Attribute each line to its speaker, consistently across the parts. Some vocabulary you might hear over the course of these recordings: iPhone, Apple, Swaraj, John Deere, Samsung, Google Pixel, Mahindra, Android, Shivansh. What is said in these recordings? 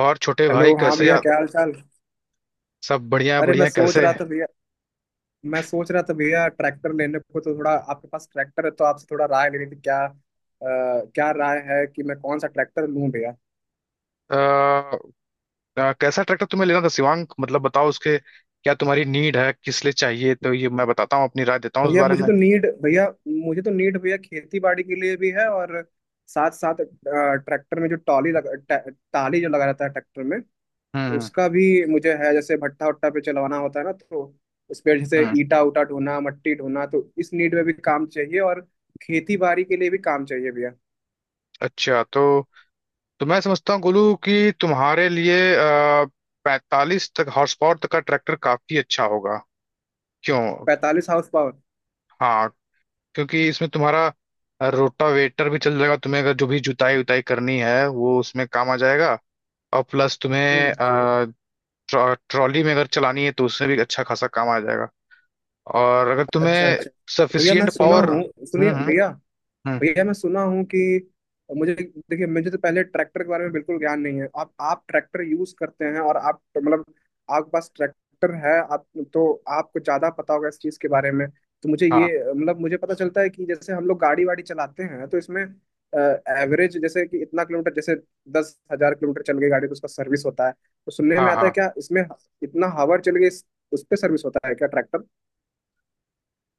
Speaker 1: और छोटे
Speaker 2: हेलो,
Speaker 1: भाई
Speaker 2: हाँ
Speaker 1: कैसे
Speaker 2: भैया, क्या हाल चाल।
Speaker 1: सब
Speaker 2: अरे,
Speaker 1: बढ़िया
Speaker 2: मैं
Speaker 1: है,
Speaker 2: सोच
Speaker 1: कैसे
Speaker 2: रहा था भैया, ट्रैक्टर लेने को, तो थोड़ा आपके पास ट्रैक्टर है तो आपसे थोड़ा राय लेनी थी क्या। क्या राय है कि मैं कौन सा ट्रैक्टर लूं भैया।
Speaker 1: आ, कैसा ट्रैक्टर तुम्हें लेना था शिवांग? मतलब बताओ उसके, क्या तुम्हारी नीड है, किस लिए चाहिए, तो ये मैं बताता हूँ, अपनी राय देता हूँ उस
Speaker 2: भैया
Speaker 1: बारे
Speaker 2: मुझे
Speaker 1: में।
Speaker 2: तो नीड भैया मुझे तो नीड भैया खेती बाड़ी के लिए भी है, और साथ साथ ट्रैक्टर में जो टॉली लगा टाली जो लगा रहता है ट्रैक्टर में,
Speaker 1: हम्म
Speaker 2: उसका भी मुझे है। जैसे भट्टा वट्टा पे चलवाना होता है ना, तो उस पे जैसे
Speaker 1: हम्म।
Speaker 2: ईटा उटा ढोना, मट्टी ढोना, तो इस नीड में भी काम चाहिए, और खेती बाड़ी के लिए भी काम चाहिए भैया।
Speaker 1: अच्छा तो मैं समझता हूँ गोलू कि तुम्हारे लिए 45 तक हॉर्स पावर तक का ट्रैक्टर काफी अच्छा होगा। क्यों?
Speaker 2: 45 हाउस पावर?
Speaker 1: हाँ। क्योंकि इसमें तुम्हारा रोटावेटर भी चल जाएगा, तुम्हें अगर जो भी जुताई उताई करनी है वो उसमें काम आ जाएगा। और प्लस तुम्हें
Speaker 2: हम्म।
Speaker 1: ट्रॉली में अगर चलानी है तो उसमें भी अच्छा खासा काम आ जाएगा। और अगर
Speaker 2: अच्छा,
Speaker 1: तुम्हें
Speaker 2: अच्छा। तो भैया मैं
Speaker 1: सफिशियंट
Speaker 2: सुना
Speaker 1: पावर।
Speaker 2: हूँ, सुनिए भैया।
Speaker 1: हम्म,
Speaker 2: भैया मैं सुना हूँ कि, मुझे देखिए, मुझे तो पहले ट्रैक्टर के बारे में बिल्कुल ज्ञान नहीं है। आप ट्रैक्टर यूज करते हैं और आप, मतलब आपके पास ट्रैक्टर है आप, तो आपको ज्यादा पता होगा इस चीज के बारे में। तो मुझे ये
Speaker 1: हाँ
Speaker 2: मतलब मुझे पता चलता है कि जैसे हम लोग गाड़ी वाड़ी चलाते हैं तो इसमें एवरेज, जैसे कि इतना किलोमीटर, जैसे 10,000 किलोमीटर चल गई गाड़ी तो उसका सर्विस होता है, तो सुनने में
Speaker 1: हाँ
Speaker 2: आता है
Speaker 1: हाँ।
Speaker 2: क्या इसमें इतना हावर चल गई उस पर सर्विस होता है क्या ट्रैक्टर?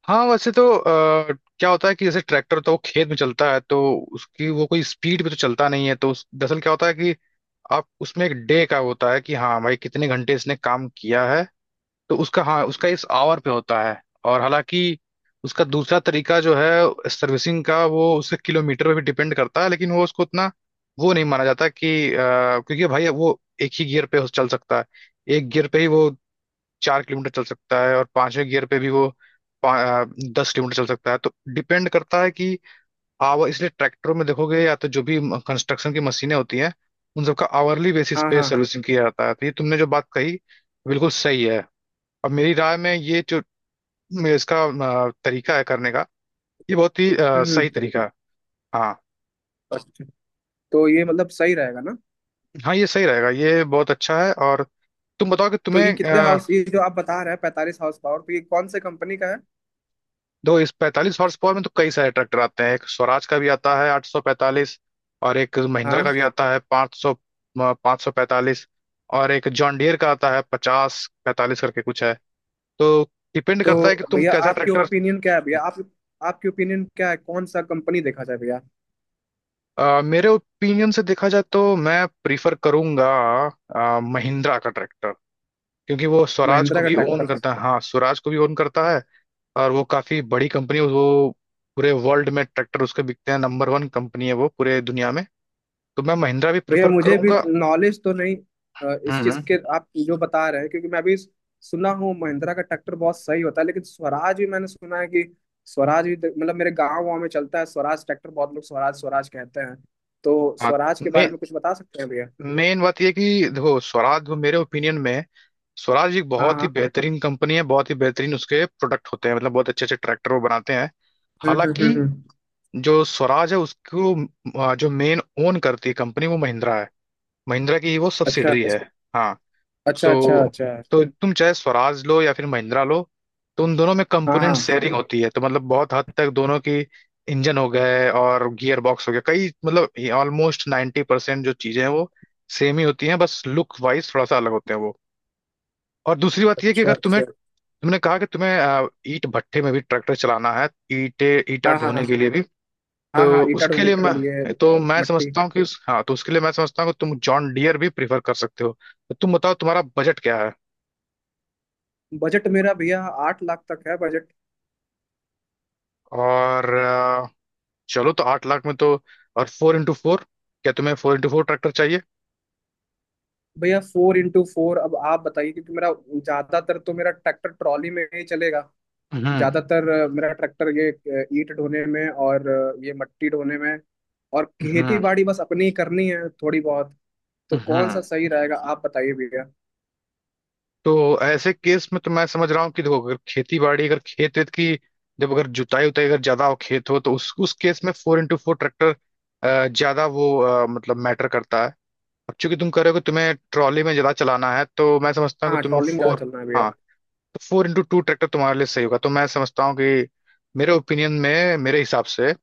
Speaker 1: हाँ वैसे तो क्या होता है कि जैसे ट्रैक्टर तो वो खेत में चलता है, तो उसकी वो कोई स्पीड पे तो चलता नहीं है, तो दरअसल क्या होता है कि आप उसमें एक डे का होता है कि हाँ भाई कितने घंटे इसने काम किया है, तो उसका हाँ, उसका इस आवर पे होता है। और हालांकि उसका दूसरा तरीका जो है सर्विसिंग का वो उसके किलोमीटर पे भी डिपेंड करता है, लेकिन वो उसको उतना वो नहीं माना जाता कि क्योंकि भाई वो एक ही गियर पे चल सकता है, एक गियर पे ही वो 4 किलोमीटर चल सकता है और पांचवें गियर पे भी वो पा- अ, 10 किलोमीटर चल सकता है। तो डिपेंड करता है कि आवर, इसलिए ट्रैक्टरों में देखोगे या तो जो भी कंस्ट्रक्शन की मशीनें होती हैं उन सबका आवरली बेसिस
Speaker 2: हाँ,
Speaker 1: पे
Speaker 2: हाँ।
Speaker 1: सर्विसिंग किया जाता है। तो ये तुमने जो बात कही बिल्कुल सही है। और मेरी राय में ये जो इसका तरीका है करने का, ये बहुत ही
Speaker 2: हम्म,
Speaker 1: सही तरीका है। हाँ।
Speaker 2: अच्छा, तो ये मतलब सही रहेगा ना।
Speaker 1: हाँ ये सही रहेगा, ये बहुत अच्छा है। और तुम बताओ कि
Speaker 2: तो ये
Speaker 1: तुम्हें
Speaker 2: कितने हाउस ये जो आप बता रहे हैं 45 हाउस पावर, तो ये कौन से कंपनी का है?
Speaker 1: दो इस 45 हॉर्स पावर में तो कई सारे ट्रैक्टर आते हैं। एक स्वराज का भी आता है 845, और एक महिंद्रा
Speaker 2: हाँ।
Speaker 1: का भी आता है 500, 545। और एक जॉन डियर का आता है 50-45 करके कुछ है। तो डिपेंड
Speaker 2: तो
Speaker 1: करता है कि तुम
Speaker 2: भैया
Speaker 1: कैसा ट्रैक्टर।
Speaker 2: आपकी ओपिनियन क्या है, कौन सा कंपनी देखा जाए भैया?
Speaker 1: मेरे ओपिनियन से देखा जाए तो मैं प्रीफर करूंगा महिंद्रा का ट्रैक्टर, क्योंकि वो स्वराज
Speaker 2: महिंद्रा
Speaker 1: को
Speaker 2: का
Speaker 1: भी ओन
Speaker 2: ट्रैक्टर।
Speaker 1: करता है, हाँ स्वराज को भी ओन करता है। और वो काफी बड़ी कंपनी, वो पूरे वर्ल्ड में ट्रैक्टर उसके बिकते हैं, नंबर वन कंपनी है वो पूरे दुनिया में। तो मैं महिंद्रा भी
Speaker 2: भैया
Speaker 1: प्रिफर
Speaker 2: मुझे भी
Speaker 1: करूंगा।
Speaker 2: नॉलेज तो नहीं
Speaker 1: हम्म
Speaker 2: इस चीज
Speaker 1: हम्म।
Speaker 2: के, आप जो बता रहे हैं। क्योंकि मैं भी सुना हूँ महिंद्रा का ट्रैक्टर बहुत सही होता है, लेकिन स्वराज भी मैंने सुना है कि, स्वराज भी मतलब मेरे गाँव वाँव में चलता है स्वराज ट्रैक्टर, बहुत लोग स्वराज स्वराज कहते हैं, तो
Speaker 1: हाँ।
Speaker 2: स्वराज के
Speaker 1: मे,
Speaker 2: बारे में कुछ बता सकते हैं भैया?
Speaker 1: मेन बात यह है कि देखो स्वराज वो मेरे ओपिनियन में स्वराज एक
Speaker 2: हाँ,
Speaker 1: बहुत ही
Speaker 2: हाँ।
Speaker 1: बेहतरीन कंपनी है, बहुत ही बेहतरीन उसके प्रोडक्ट होते हैं, मतलब बहुत अच्छे अच्छे ट्रैक्टर वो बनाते हैं।
Speaker 2: हम्म, हम्म,
Speaker 1: हालांकि
Speaker 2: हम्म,
Speaker 1: जो स्वराज है उसको जो मेन ओन करती है कंपनी वो महिंद्रा है, महिंद्रा की ही वो
Speaker 2: अच्छा,
Speaker 1: सब्सिडरी है। हाँ।
Speaker 2: अच्छा, अच्छा।
Speaker 1: तो
Speaker 2: अच्छा।
Speaker 1: तुम चाहे स्वराज लो या फिर महिंद्रा लो, तो उन दोनों में
Speaker 2: हाँ,
Speaker 1: कंपोनेंट
Speaker 2: हाँ।
Speaker 1: शेयरिंग होती है, तो मतलब बहुत हद तक दोनों की इंजन हो गए और गियर बॉक्स हो गया, कई मतलब ऑलमोस्ट 90% जो चीजें हैं वो सेम ही होती हैं, बस लुक वाइज थोड़ा सा अलग होते हैं वो। और दूसरी बात ये है कि
Speaker 2: अच्छा,
Speaker 1: अगर तुम्हें,
Speaker 2: अच्छा।
Speaker 1: तुमने कहा कि तुम्हें ईंट भट्ठे में भी ट्रैक्टर चलाना है, ईंटे ईंटा
Speaker 2: हाँ, हाँ, हाँ।
Speaker 1: ढोने के लिए भी,
Speaker 2: हाँ, हाँ
Speaker 1: तो
Speaker 2: ईटा
Speaker 1: उसके
Speaker 2: ढोने
Speaker 1: लिए
Speaker 2: के लिए,
Speaker 1: मैं तो मैं
Speaker 2: मट्टी।
Speaker 1: समझता हूँ कि हाँ तो उसके लिए मैं समझता हूँ कि तुम जॉन डियर भी प्रीफर कर सकते हो। तो तुम बताओ तुम्हारा बजट क्या।
Speaker 2: बजट मेरा भैया 8 लाख तक है बजट।
Speaker 1: और चलो तो 8 लाख में तो, और फोर इंटू फोर, क्या तुम्हें फोर इंटू फोर ट्रैक्टर चाहिए?
Speaker 2: भैया 4x4, अब आप बताइए, क्योंकि मेरा, ज्यादातर तो मेरा ट्रैक्टर ट्रॉली में ही चलेगा
Speaker 1: हम्म
Speaker 2: ज्यादातर। मेरा ट्रैक्टर ये ईंट ढोने में, और ये मट्टी ढोने में, और खेती
Speaker 1: हम्म
Speaker 2: बाड़ी बस अपनी ही करनी है थोड़ी बहुत, तो कौन सा
Speaker 1: हम्म।
Speaker 2: सही रहेगा आप बताइए भैया?
Speaker 1: तो ऐसे केस में तो मैं समझ रहा हूँ कि देखो अगर खेती बाड़ी अगर खेत वेत की, जब अगर जुताई उताई अगर ज्यादा हो खेत हो तो उस केस में फोर इंटू फोर ट्रैक्टर ज्यादा वो मतलब मैटर करता है। अब चूंकि तुम कह रहे हो कि तुम्हें ट्रॉली में ज्यादा चलाना है तो मैं समझता हूँ
Speaker 2: हाँ,
Speaker 1: कि तुम
Speaker 2: ट्रॉली में ज्यादा
Speaker 1: फोर,
Speaker 2: चलना है भैया।
Speaker 1: हाँ तो फोर इंटू टू ट्रैक्टर तुम्हारे लिए सही होगा। तो मैं समझता हूँ कि मेरे ओपिनियन में मेरे हिसाब से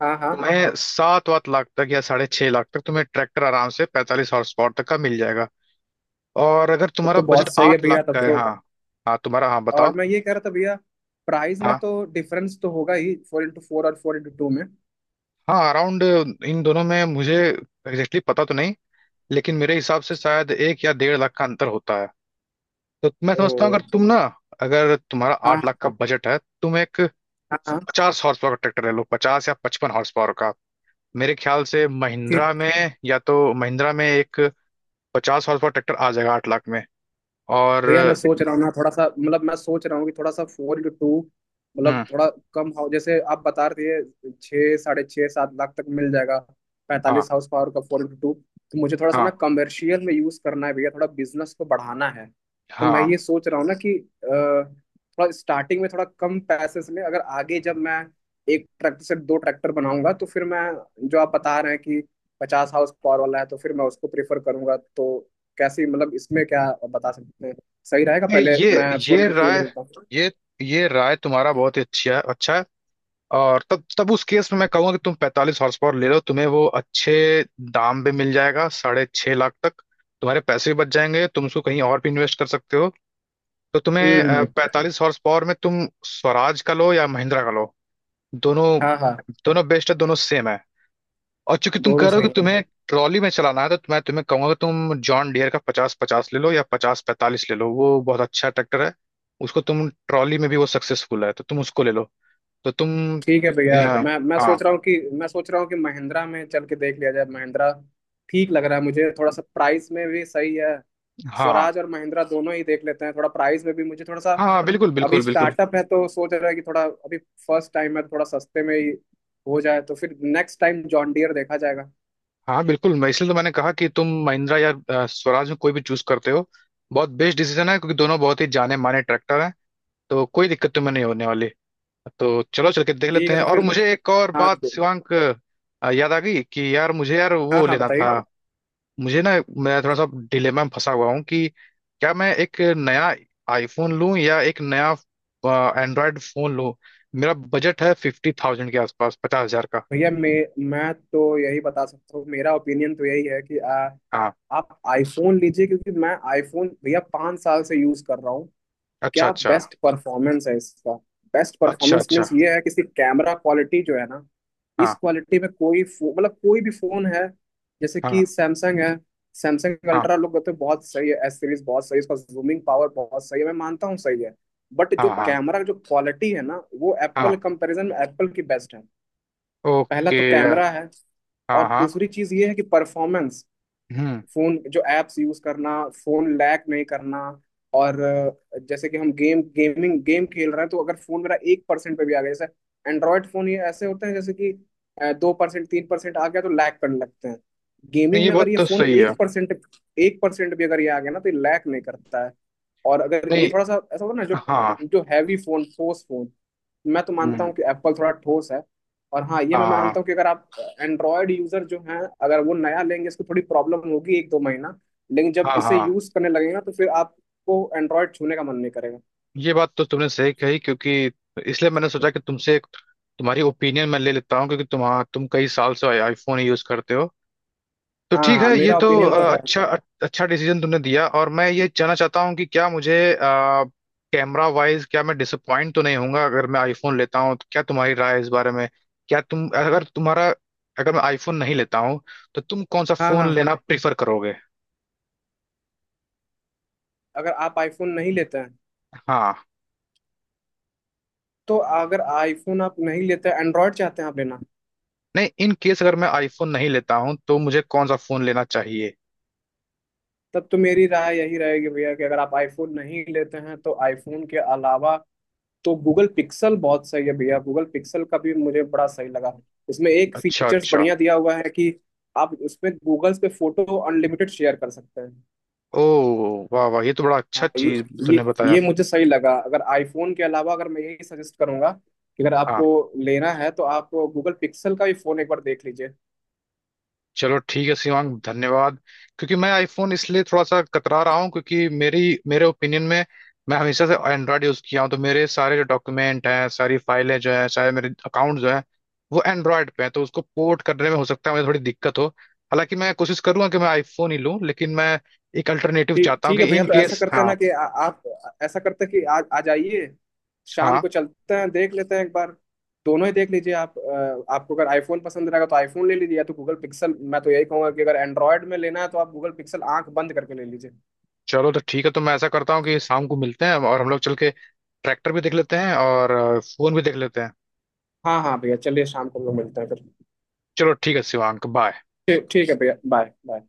Speaker 2: हाँ, हाँ,
Speaker 1: तुम्हें सात वात लाख तक या 6.5 लाख तक तुम्हें ट्रैक्टर आराम से 45 हॉर्स पावर तक का मिल जाएगा। और अगर
Speaker 2: तब
Speaker 1: तुम्हारा
Speaker 2: तो
Speaker 1: बजट
Speaker 2: बहुत सही है
Speaker 1: आठ
Speaker 2: भैया,
Speaker 1: लाख
Speaker 2: तब
Speaker 1: का है,
Speaker 2: तो।
Speaker 1: हाँ, हाँ तुम्हारा, हाँ
Speaker 2: और
Speaker 1: बताओ।
Speaker 2: मैं ये कह रहा था भैया, प्राइस में
Speaker 1: हाँ
Speaker 2: तो डिफरेंस तो होगा ही 4x4 और 4x2 में।
Speaker 1: हाँ अराउंड, इन दोनों में मुझे एग्जैक्टली पता तो नहीं, लेकिन मेरे हिसाब से शायद 1 या 1.5 लाख का अंतर होता है। तो मैं
Speaker 2: ओ।
Speaker 1: समझता हूँ अगर तुम ना, अगर तुम्हारा
Speaker 2: हाँ,
Speaker 1: 8 लाख का बजट है तुम एक
Speaker 2: हाँ, हाँ।
Speaker 1: 50 हॉर्स पावर का ट्रैक्टर ले लो, 50 या 55 हॉर्स पावर का। मेरे ख्याल से
Speaker 2: थ्री।
Speaker 1: महिंद्रा में या तो महिंद्रा में एक 50 हॉर्स पावर ट्रैक्टर आ जाएगा 8 लाख में। और
Speaker 2: भैया मैं सोच रहा हूँ कि थोड़ा सा 4x2, मतलब
Speaker 1: हम्म,
Speaker 2: थोड़ा कम हाउ, जैसे आप बता रहे थे 6, 6.5, 7 लाख तक मिल जाएगा
Speaker 1: हाँ
Speaker 2: 45 हाउस पावर का 4x2। तो मुझे थोड़ा सा ना
Speaker 1: हाँ
Speaker 2: कमर्शियल में यूज़ करना है भैया, थोड़ा बिजनेस को बढ़ाना है, तो मैं
Speaker 1: हाँ।
Speaker 2: ये सोच रहा हूँ ना कि अ, थोड़ा स्टार्टिंग में थोड़ा कम पैसे में, अगर आगे जब मैं एक ट्रैक्टर से दो ट्रैक्टर बनाऊंगा, तो फिर मैं, जो आप बता रहे हैं कि 50 हाउस पावर वाला है, तो फिर मैं उसको प्रेफर करूंगा। तो कैसी, मतलब इसमें क्या बता सकते हैं, सही रहेगा
Speaker 1: ये
Speaker 2: पहले मैं
Speaker 1: ये
Speaker 2: फोर
Speaker 1: ये
Speaker 2: इंटू टू ले
Speaker 1: राय,
Speaker 2: लेता हूँ?
Speaker 1: ये ये राय तुम्हारा बहुत ही अच्छा है, अच्छा है। और तब तब उस केस में मैं कहूंगा कि तुम 45 हॉर्स पावर ले लो, तुम्हें वो अच्छे दाम पे मिल जाएगा 6.5 लाख तक। तुम्हारे पैसे भी बच जाएंगे, तुम उसको कहीं और भी इन्वेस्ट कर सकते हो। तो तुम्हें
Speaker 2: हम्म।
Speaker 1: 45 हॉर्स पावर में तुम स्वराज का लो या महिंद्रा का लो, दोनों
Speaker 2: हाँ, हाँ।
Speaker 1: दोनों बेस्ट है, दोनों सेम है। और चूंकि तुम कह
Speaker 2: दोनों
Speaker 1: रहे हो
Speaker 2: सही
Speaker 1: कि तो
Speaker 2: हैं।
Speaker 1: तुम्हें ट्रॉली में चलाना है तो मैं तुम्हें कहूंगा कि तुम जॉन डियर का पचास पचास ले लो या 50-45 ले लो, वो बहुत अच्छा ट्रैक्टर है। उसको तुम ट्रॉली में भी वो सक्सेसफुल है तो तुम उसको ले लो, तो तुम।
Speaker 2: ठीक है भैया,
Speaker 1: हाँ
Speaker 2: मैं
Speaker 1: हाँ
Speaker 2: सोच रहा हूँ कि, महिंद्रा में चल के देख लिया जाए। महिंद्रा ठीक लग रहा है मुझे, थोड़ा सा प्राइस में भी सही है।
Speaker 1: हाँ
Speaker 2: स्वराज और महिंद्रा दोनों ही देख लेते हैं, थोड़ा प्राइस में भी मुझे थोड़ा सा।
Speaker 1: हाँ हाँ, बिल्कुल
Speaker 2: अभी
Speaker 1: बिल्कुल बिल्कुल।
Speaker 2: स्टार्टअप है तो सोच रहा है कि थोड़ा अभी फर्स्ट टाइम है, तो थोड़ा सस्ते में ही हो जाए, तो फिर नेक्स्ट टाइम जॉन डियर देखा जाएगा।
Speaker 1: हाँ बिल्कुल, मैं इसलिए तो मैंने कहा कि तुम महिंद्रा या स्वराज में कोई भी चूज करते हो बहुत बेस्ट डिसीजन है, क्योंकि दोनों बहुत ही जाने माने ट्रैक्टर हैं, तो कोई दिक्कत तुम्हें नहीं होने वाली। तो चलो चल के देख
Speaker 2: ठीक
Speaker 1: लेते
Speaker 2: है,
Speaker 1: हैं।
Speaker 2: तो
Speaker 1: और
Speaker 2: फिर।
Speaker 1: मुझे एक और
Speaker 2: हाँ,
Speaker 1: बात शिवांक याद आ गई कि यार, मुझे यार
Speaker 2: हाँ,
Speaker 1: वो
Speaker 2: हाँ
Speaker 1: लेना
Speaker 2: बताइए।
Speaker 1: था। मुझे ना, मैं थोड़ा सा डिलेमा में फंसा हुआ हूँ कि क्या मैं एक नया आईफोन लूं या एक नया एंड्रॉयड फोन लूं। मेरा बजट है 50,000 के आसपास, 50,000 का।
Speaker 2: भैया मैं तो यही बता सकता हूँ, मेरा ओपिनियन तो यही है कि,
Speaker 1: हाँ।
Speaker 2: आप आईफोन लीजिए, क्योंकि मैं आईफोन भैया 5 साल से यूज कर रहा हूँ।
Speaker 1: अच्छा
Speaker 2: क्या
Speaker 1: अच्छा।
Speaker 2: बेस्ट परफॉर्मेंस है इसका। बेस्ट
Speaker 1: अच्छा
Speaker 2: परफॉर्मेंस
Speaker 1: अच्छा।
Speaker 2: मीन्स ये है कि इसकी कैमरा क्वालिटी जो है ना, इस
Speaker 1: हाँ
Speaker 2: क्वालिटी में कोई मतलब कोई भी फोन है, जैसे कि
Speaker 1: हाँ
Speaker 2: सैमसंग है, सैमसंग
Speaker 1: हाँ
Speaker 2: अल्ट्रा लोग कहते हैं बहुत सही है, एस सीरीज बहुत सही है, इसका जूमिंग पावर बहुत सही है, मैं मानता हूँ सही है, बट जो
Speaker 1: हाँ हाँ
Speaker 2: कैमरा जो क्वालिटी है ना, वो एप्पल,
Speaker 1: हाँ।
Speaker 2: कंपैरिजन में एप्पल की बेस्ट है। पहला
Speaker 1: ओके
Speaker 2: तो
Speaker 1: यार।
Speaker 2: कैमरा है,
Speaker 1: हाँ
Speaker 2: और
Speaker 1: हाँ।
Speaker 2: दूसरी चीज ये है कि परफॉर्मेंस।
Speaker 1: हम्म।
Speaker 2: फोन जो एप्स यूज करना, फोन लैग नहीं करना, और जैसे कि हम गेम खेल रहे हैं, तो अगर फोन मेरा 1% पे भी आ गया, जैसे एंड्रॉयड फोन ये ऐसे होते हैं जैसे कि 2%, 3% आ गया तो लैग करने लगते हैं।
Speaker 1: नहीं
Speaker 2: गेमिंग
Speaker 1: ये
Speaker 2: में अगर
Speaker 1: बात
Speaker 2: ये
Speaker 1: तो
Speaker 2: फोन
Speaker 1: सही है।
Speaker 2: 1% भी अगर ये आ गया ना, तो ये लैग नहीं करता है। और अगर ये
Speaker 1: नहीं।
Speaker 2: थोड़ा सा ऐसा होता है ना, जो
Speaker 1: हाँ।
Speaker 2: जो हैवी फोन, ठोस फोन, मैं तो मानता
Speaker 1: हम्म।
Speaker 2: हूँ कि एप्पल थोड़ा ठोस है। और हाँ, ये
Speaker 1: हाँ
Speaker 2: मैं मानता
Speaker 1: हाँ
Speaker 2: हूँ कि अगर आप एंड्रॉयड यूजर जो हैं, अगर वो नया लेंगे इसको थोड़ी प्रॉब्लम होगी एक दो महीना, लेकिन जब
Speaker 1: हाँ
Speaker 2: इसे
Speaker 1: हाँ।
Speaker 2: यूज करने लगेगा तो फिर आपको एंड्रॉयड छूने का मन नहीं करेगा।
Speaker 1: ये बात तो तुमने सही कही, क्योंकि इसलिए मैंने सोचा कि तुमसे एक तुम्हारी ओपिनियन मैं ले लेता हूँ, क्योंकि तुम कई साल से आईफोन यूज करते हो। तो
Speaker 2: हाँ,
Speaker 1: ठीक है,
Speaker 2: हाँ,
Speaker 1: ये
Speaker 2: मेरा
Speaker 1: तो
Speaker 2: ओपिनियन तो है।
Speaker 1: अच्छा, अच्छा डिसीजन तुमने दिया। और मैं ये जानना चाहता हूँ कि क्या मुझे कैमरा वाइज क्या मैं डिसअपॉइंट तो नहीं होऊंगा अगर मैं आईफोन लेता हूँ? तो क्या तुम्हारी राय है इस बारे में? क्या तुम, अगर तुम्हारा, अगर मैं आईफोन नहीं लेता हूँ तो तुम कौन सा
Speaker 2: हाँ, हाँ।
Speaker 1: फोन लेना प्रिफर करोगे?
Speaker 2: अगर आप आईफोन नहीं लेते हैं
Speaker 1: हाँ।
Speaker 2: तो, अगर आईफोन आप नहीं लेते, एंड्रॉयड चाहते हैं आप लेना।
Speaker 1: नहीं, इन केस अगर मैं आईफोन नहीं लेता हूँ तो मुझे कौन सा फोन लेना चाहिए?
Speaker 2: तब तो मेरी राय यही रहेगी भैया कि अगर आप आईफोन नहीं लेते हैं, तो आईफोन के अलावा तो गूगल पिक्सल बहुत सही है भैया। गूगल पिक्सल का भी मुझे बड़ा सही लगा। उसमें एक
Speaker 1: अच्छा
Speaker 2: फीचर्स
Speaker 1: अच्छा।
Speaker 2: बढ़िया दिया हुआ है कि आप उसमें गूगल पे फोटो अनलिमिटेड शेयर कर सकते।
Speaker 1: ओ, वाह वाह, ये तो बड़ा अच्छा
Speaker 2: हाँ, हैं, हाँ।
Speaker 1: चीज
Speaker 2: ये
Speaker 1: तुमने
Speaker 2: ये
Speaker 1: बताया।
Speaker 2: ये मुझे सही लगा, अगर आईफोन के अलावा, अगर मैं यही सजेस्ट करूंगा कि अगर
Speaker 1: हाँ।
Speaker 2: आपको लेना है तो आप गूगल पिक्सल का भी फोन एक बार देख लीजिए।
Speaker 1: चलो ठीक है शिवांग, धन्यवाद। क्योंकि मैं आईफोन इसलिए थोड़ा सा कतरा रहा हूँ, क्योंकि मेरी मेरे ओपिनियन में मैं हमेशा से एंड्रॉयड यूज किया हूँ, तो मेरे सारे जो डॉक्यूमेंट हैं सारी फाइलें जो हैं सारे मेरे अकाउंट जो हैं वो एंड्रॉयड पे हैं, तो उसको पोर्ट करने में हो सकता है मुझे थोड़ी दिक्कत हो। हालांकि मैं कोशिश करूंगा कि मैं आईफोन ही लूँ, लेकिन मैं एक अल्टरनेटिव
Speaker 2: ठीक,
Speaker 1: चाहता हूँ
Speaker 2: ठीक
Speaker 1: कि
Speaker 2: है भैया,
Speaker 1: इन
Speaker 2: तो ऐसा
Speaker 1: केस,
Speaker 2: करते हैं
Speaker 1: हाँ।
Speaker 2: ना कि आप, ऐसा करते हैं कि आज आ जाइए, शाम को
Speaker 1: हाँ
Speaker 2: चलते हैं, देख लेते हैं एक बार, दोनों ही देख लीजिए आप। आपको अगर आईफोन पसंद रहेगा तो आईफोन ले लीजिए, या तो गूगल पिक्सल, मैं तो यही कहूंगा कि अगर एंड्रॉयड में लेना है तो आप गूगल पिक्सल आंख बंद करके ले लीजिए।
Speaker 1: चलो तो ठीक है, तो मैं ऐसा करता हूँ कि शाम को मिलते हैं और हम लोग चल के ट्रैक्टर भी देख लेते हैं और फोन भी देख लेते हैं।
Speaker 2: हाँ, हाँ भैया, चलिए शाम को हम लोग मिलते हैं फिर।
Speaker 1: चलो ठीक है शिवांक, बाय।
Speaker 2: ठीक, ठीक है भैया, बाय, बाय।